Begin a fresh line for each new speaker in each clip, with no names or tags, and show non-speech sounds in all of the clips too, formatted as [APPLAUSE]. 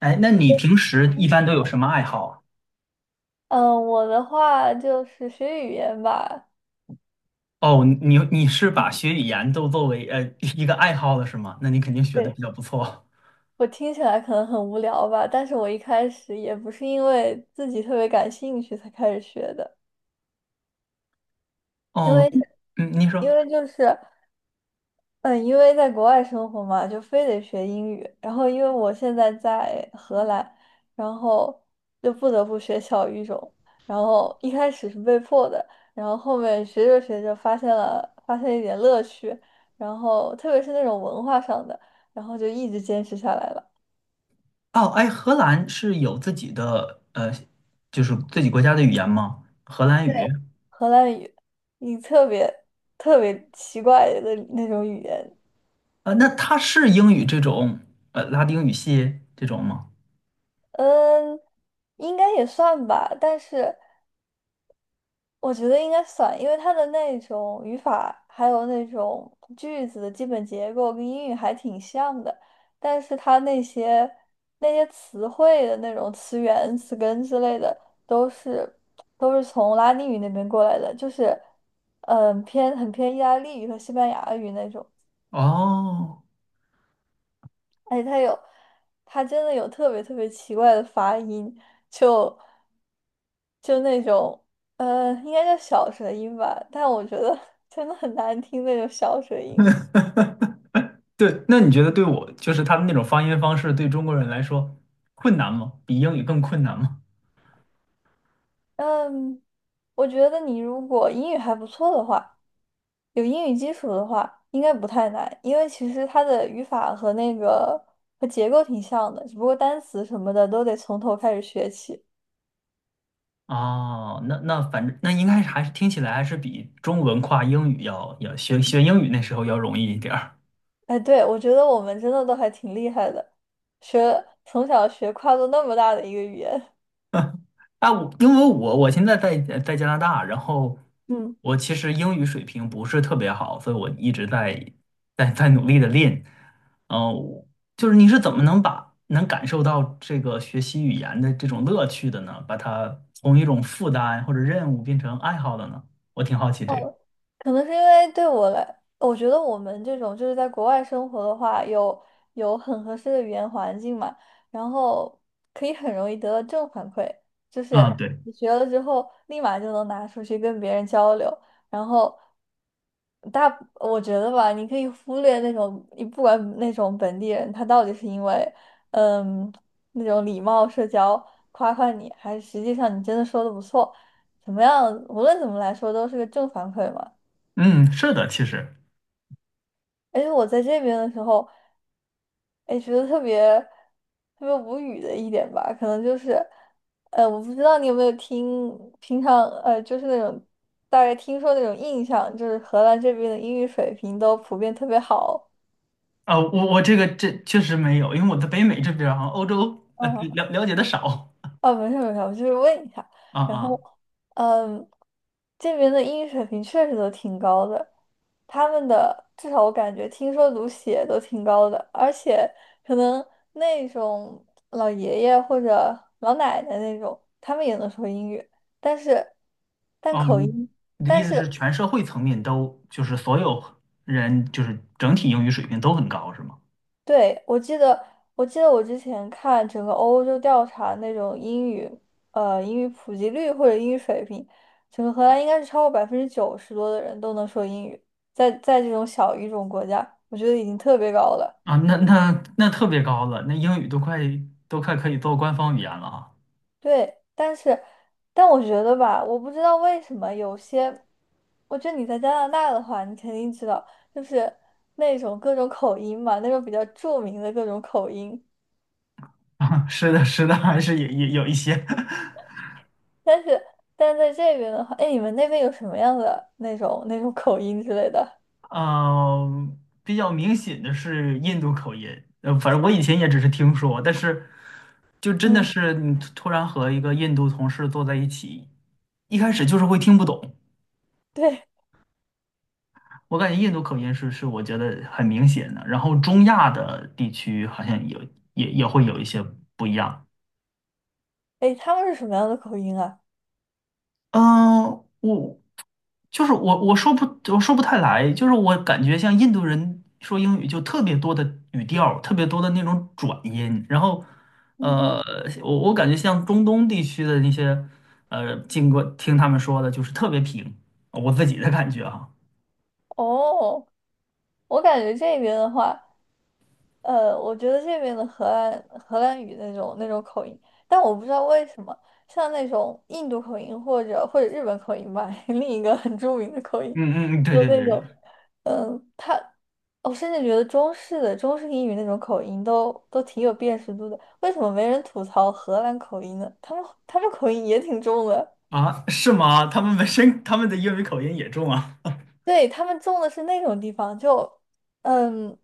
哎，那你平时一
嗯，
般都有什么爱好啊？
我的话就是学语言吧。
哦，你是把
嗯，
学语言都作为一个爱好了是吗？那你肯定学的
对，
比较不错。
我听起来可能很无聊吧，但是我一开始也不是因为自己特别感兴趣才开始学的，因
哦，
为
嗯，你
因
说。
为就是。嗯，因为在国外生活嘛，就非得学英语。然后，因为我现在在荷兰，然后就不得不学小语种。然后一开始是被迫的，然后后面学着学着发现一点乐趣，然后特别是那种文化上的，然后就一直坚持下来了。
哦，哎，荷兰是有自己的就是自己国家的语言吗？荷兰语？
对，荷兰语，你特别奇怪的那种语言，
那它是英语这种拉丁语系这种吗？
嗯，应该也算吧，但是。我觉得应该算，因为它的那种语法，还有那种句子的基本结构跟英语还挺像的，但是它那些词汇的那种词源、词根之类的，都是都是从拉丁语那边过来的，就是偏很偏意大利语和西班牙语那种。
哦，
哎，他有，他真的有特别奇怪的发音，就就那种，应该叫小舌音吧，但我觉得 [LAUGHS] 真的很难听那种小舌音。
对，那你觉得对我就是他们那种发音方式对中国人来说困难吗？比英语更困难吗？
嗯，我觉得你如果英语还不错的话，有英语基础的话，应该不太难，因为其实它的语法和那个和结构挺像的，只不过单词什么的都得从头开始学起。
哦，那反正那应该是还是听起来还是比中文跨英语要学英语那时候要容易一点儿
哎，对，我觉得我们真的都还挺厉害的，学从小学跨度那么大的一个语言。
啊。因为我现在在加拿大，然后
嗯，
我其实英语水平不是特别好，所以我一直在努力的练。哦，就是你是怎么能把能感受到这个学习语言的这种乐趣的呢？把它从一种负担或者任务变成爱好的呢？我挺好
[LAUGHS]
奇这个。
哦，可能是因为对我来，我觉得我们这种就是在国外生活的话，有很合适的语言环境嘛，然后可以很容易得到正反馈，就
啊，
是
对，
你学了之后，立马就能拿出去跟别人交流，然后大，我觉得吧，你可以忽略那种，你不管那种本地人，他到底是因为嗯那种礼貌社交夸夸你，还是实际上你真的说的不错，怎么样，无论怎么来说都是个正反馈嘛。
嗯，是的，其实。
而且我在这边的时候，哎，觉得特别无语的一点吧，可能就是，我不知道你有没有听，平常就是那种大概听说那种印象，就是荷兰这边的英语水平都普遍特别好，
啊，我这个这确实没有，因为我在北美这边啊，欧洲了解的少。
哦，没事没事，我就是问一下。
啊，
然后，
啊，
嗯，这边的英语水平确实都挺高的，他们的至少我感觉听说读写都挺高的，而且可能那种老爷爷或者老奶奶那种，他们也能说英语，但是但
哦，
口
你
音，
你的意
但
思是
是
全社会层面都就是所有人就是整体英语水平都很高是吗？
对，我记得，我记得我之前看整个欧洲调查那种英语，英语普及率或者英语水平，整个荷兰应该是超过90%多的人都能说英语，在这种小语种国家，我觉得已经特别高了。
啊，那特别高了，那英语都快可以做官方语言了啊！
对，但是，但我觉得吧，我不知道为什么有些，我觉得你在加拿大的话，你肯定知道，就是那种各种口音嘛，那种比较著名的各种口音。
[LAUGHS] 啊，是的，是的，还是有一些。[LAUGHS]
但是但是在这边的话，哎，你们那边有什么样的那种那种 [LAUGHS] 口音之类的？
嗯，比较明显的是印度口音。呃，反正我以前也只是听说，但是就真的
嗯，
是你突然和一个印度同事坐在一起，一开始就是会听不懂。
对，
我感觉印度口音是我觉得很明显的，然后中亚的地区好像有也会有一些不一样。
哎，他们是什么样的口音啊？
嗯，我就是我，我说不，我说不太来，就是我感觉像印度人说英语就特别多的语调，特别多的那种转音。然后，
嗯
呃，
哼，
我感觉像中东地区的那些，呃，经过听他们说的，就是特别平，我自己的感觉啊。
哦，我感觉这边的话，我觉得这边的荷兰语那种那种口音，但我不知道为什么，像那种印度口音或者或者日本口音吧，[LAUGHS] 另一个很著名的口音，
嗯，嗯，嗯，对，
就
对，
那
对。
种，嗯，他，我甚至觉得中式英语那种口音都都挺有辨识度的，为什么没人吐槽荷兰口音呢？他们口音也挺重的。
啊，是吗？他们本身他们的英语口音也重啊。
对，他们种的是那种地方，就嗯，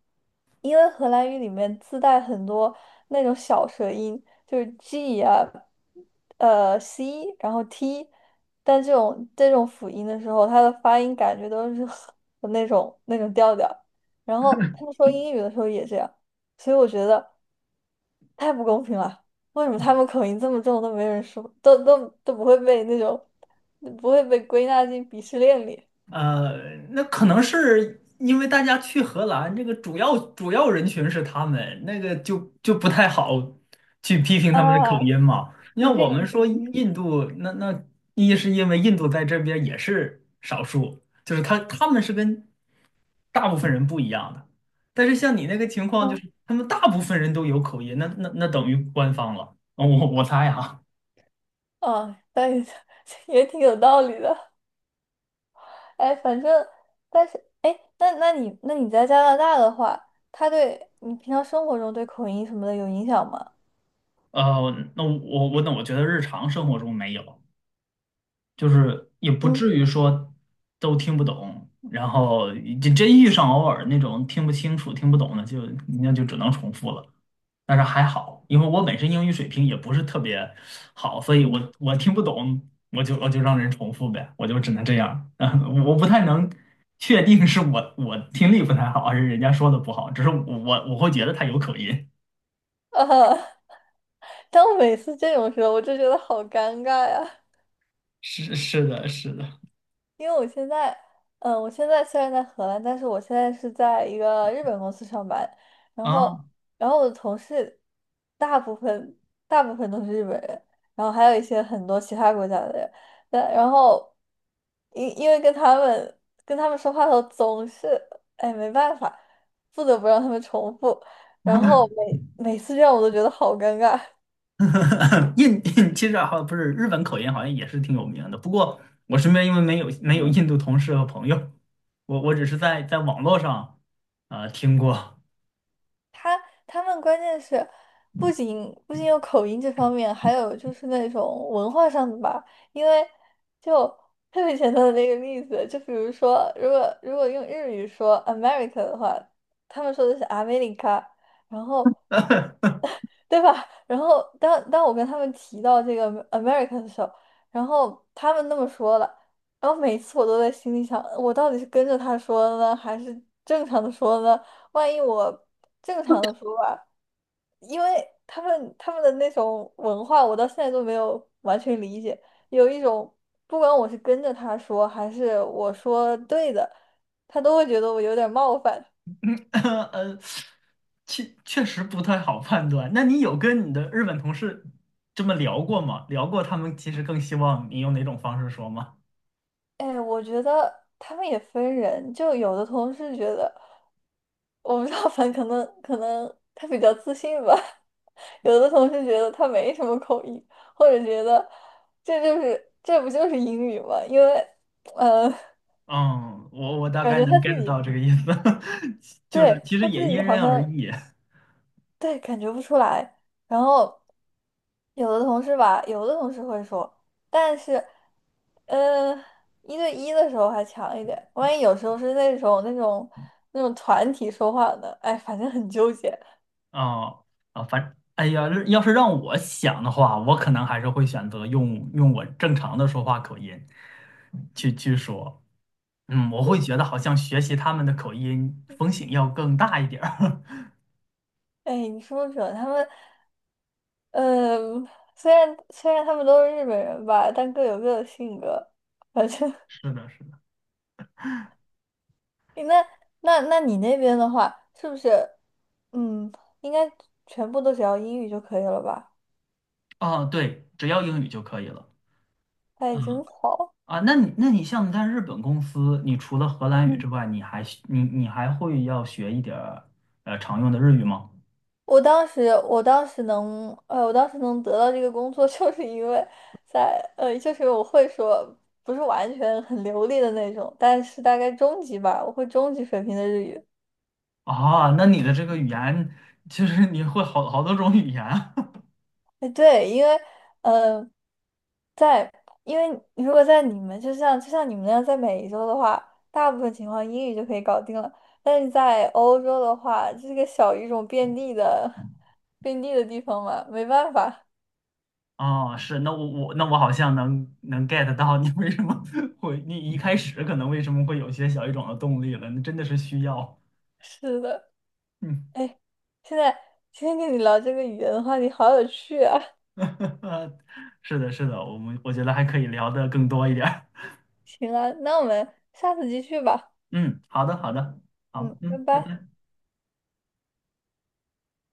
因为荷兰语里面自带很多那种小舌音，就是 G 啊，呃 C，然后 T，但这种辅音的时候，它的发音感觉都是 [LAUGHS] 那种那种调调。然后他们说英语的时候也这样，所以我觉得太不公平了。为什么他们口音这么重都没人说，都都都不会被那种不会被归纳进鄙视链里？
呃，那可能是因为大家去荷兰，这个主要人群是他们，那个就不太好去批评他们的口
啊，
音嘛。你
不
像
是
我们说印度，那一是因为印度在这边也是少数，就是他们是跟大部分人不一样的。但是像你那个情况，就
嗯，
是他们大部分人都有口音，那等于官方了。哦，我猜啊。
哦，但也 [LAUGHS] 也挺有道理的。哎，反正，但是，哎，那那你那你在加拿大的话，他对你平常生活中对口音什么的有影响吗？
那我觉得日常生活中没有。就是也不
嗯
至于说都听不懂，然后就真遇上偶尔那种听不清楚、听不懂的就，那就只能重复了。但是还好，因为我本身英语水平也不是特别好，所以
嗯，
我听不懂，我就让人重复呗，我就只能这样。[LAUGHS] 嗯我不太能确定是我听力不太好，还是人家说的不好，只是我会觉得他有口音。
啊，[LAUGHS] 当每次这种时候，我就觉得好尴尬呀。
[LAUGHS] 是的，是的
因为我现在，嗯，我现在虽然在荷兰，但是我现在是在一个日本公司上班，然
啊。
后，然后我的同事大部分大部分都是日本人，然后还有一些很多其他国家的人，但然后因为跟他们跟他们说话的时候总是，哎，没办法，不得不让他们重复，然后每每次这样我都觉得好尴尬。
[LAUGHS] 其实好不是日本口音，好像也是挺有名的。不过我身边因为没有印
[LAUGHS]
度同事和朋友，我只是在网络上听过。
他他们关键是不仅有口音这方面，还有就是那种文化上的吧。因为就特别简单的那个例子，就比如说，如果用日语说 America 的话，他们说的是 America，然后对吧？然后当我跟他们提到这个 America 的时候，然后他们那么说了，然后每次我都在心里想，我到底是跟着他说的呢，还是正常的说呢？万一我正常的说吧。因为他们的那种文化，我到现在都没有完全理解。有一种，不管我是跟着他说，还是我说对的，他都会觉得我有点冒犯。
[LAUGHS] 呃，确确实不太好判断。那你有跟你的日本同事这么聊过吗？聊过他们其实更希望你用哪种方式说吗？
哎，我觉得他们也分人，就有的同事觉得，我不知道，反正可能他比较自信吧。[LAUGHS] 有的同事觉得他没什么口音，或者觉得这就是这不就是英语吗？因为呃，
嗯，我大
感
概
觉他
能
自
get
己
到这个意思。[LAUGHS] 就是
对
其实
他
也
自己
因
好
人而
像。
异。
对，感觉不出来。然后有的同事吧，有的同事会说，但是，呃，一对一的时候还强一点，万一有时候是那种那种那种团体说话的，哎，反正很纠结。
哦，啊，反，哎呀，要是让我想的话，我可能还是会选择用我正常的说话口音去说。嗯，我会觉得好像学习他们的口音风险要更大一点儿。
哎，你说不准他们，嗯、虽然他们都是日本人吧，但各有各的性格。反正
[LAUGHS] 是的，是的。
[LAUGHS] 那那那你那边的话，是不是，嗯，应该全部都只要英语就可以了吧？
哦，对，只要英语就可以了。嗯，
哎，真好。
啊，那你像在日本公司，你除了荷兰语之
嗯，
外，你还会要学一点儿常用的日语吗？
我当时，我当时能，我当时能得到这个工作，[LAUGHS] 就是因为在，就是我会说，不是完全很流利的那种，但是大概中级吧，我会中级水平的日语。
啊，那你的这个语言其实你会好多种语言。
哎，对，因为，呃，在，因为如果在你们，就像你们那样，在美洲的话，大部分情况英语就可以搞定了，但是在欧洲的话，这个小语种遍地的，遍地的地方嘛，没办法。
哦，是，那我好像能 get 到你为什么 [LAUGHS] 会，你一开始可能为什么会有些小语种的动力了，那真的是需要。
是的。
嗯。
哎，现在今天跟你聊这个语言的话题好有趣啊！
[LAUGHS] 是的，是的，我觉得还可以聊得更多一点儿。
行啊，那我们下次继续吧。
嗯，好的，好的，好，
嗯，
嗯，
拜
拜
拜。
拜。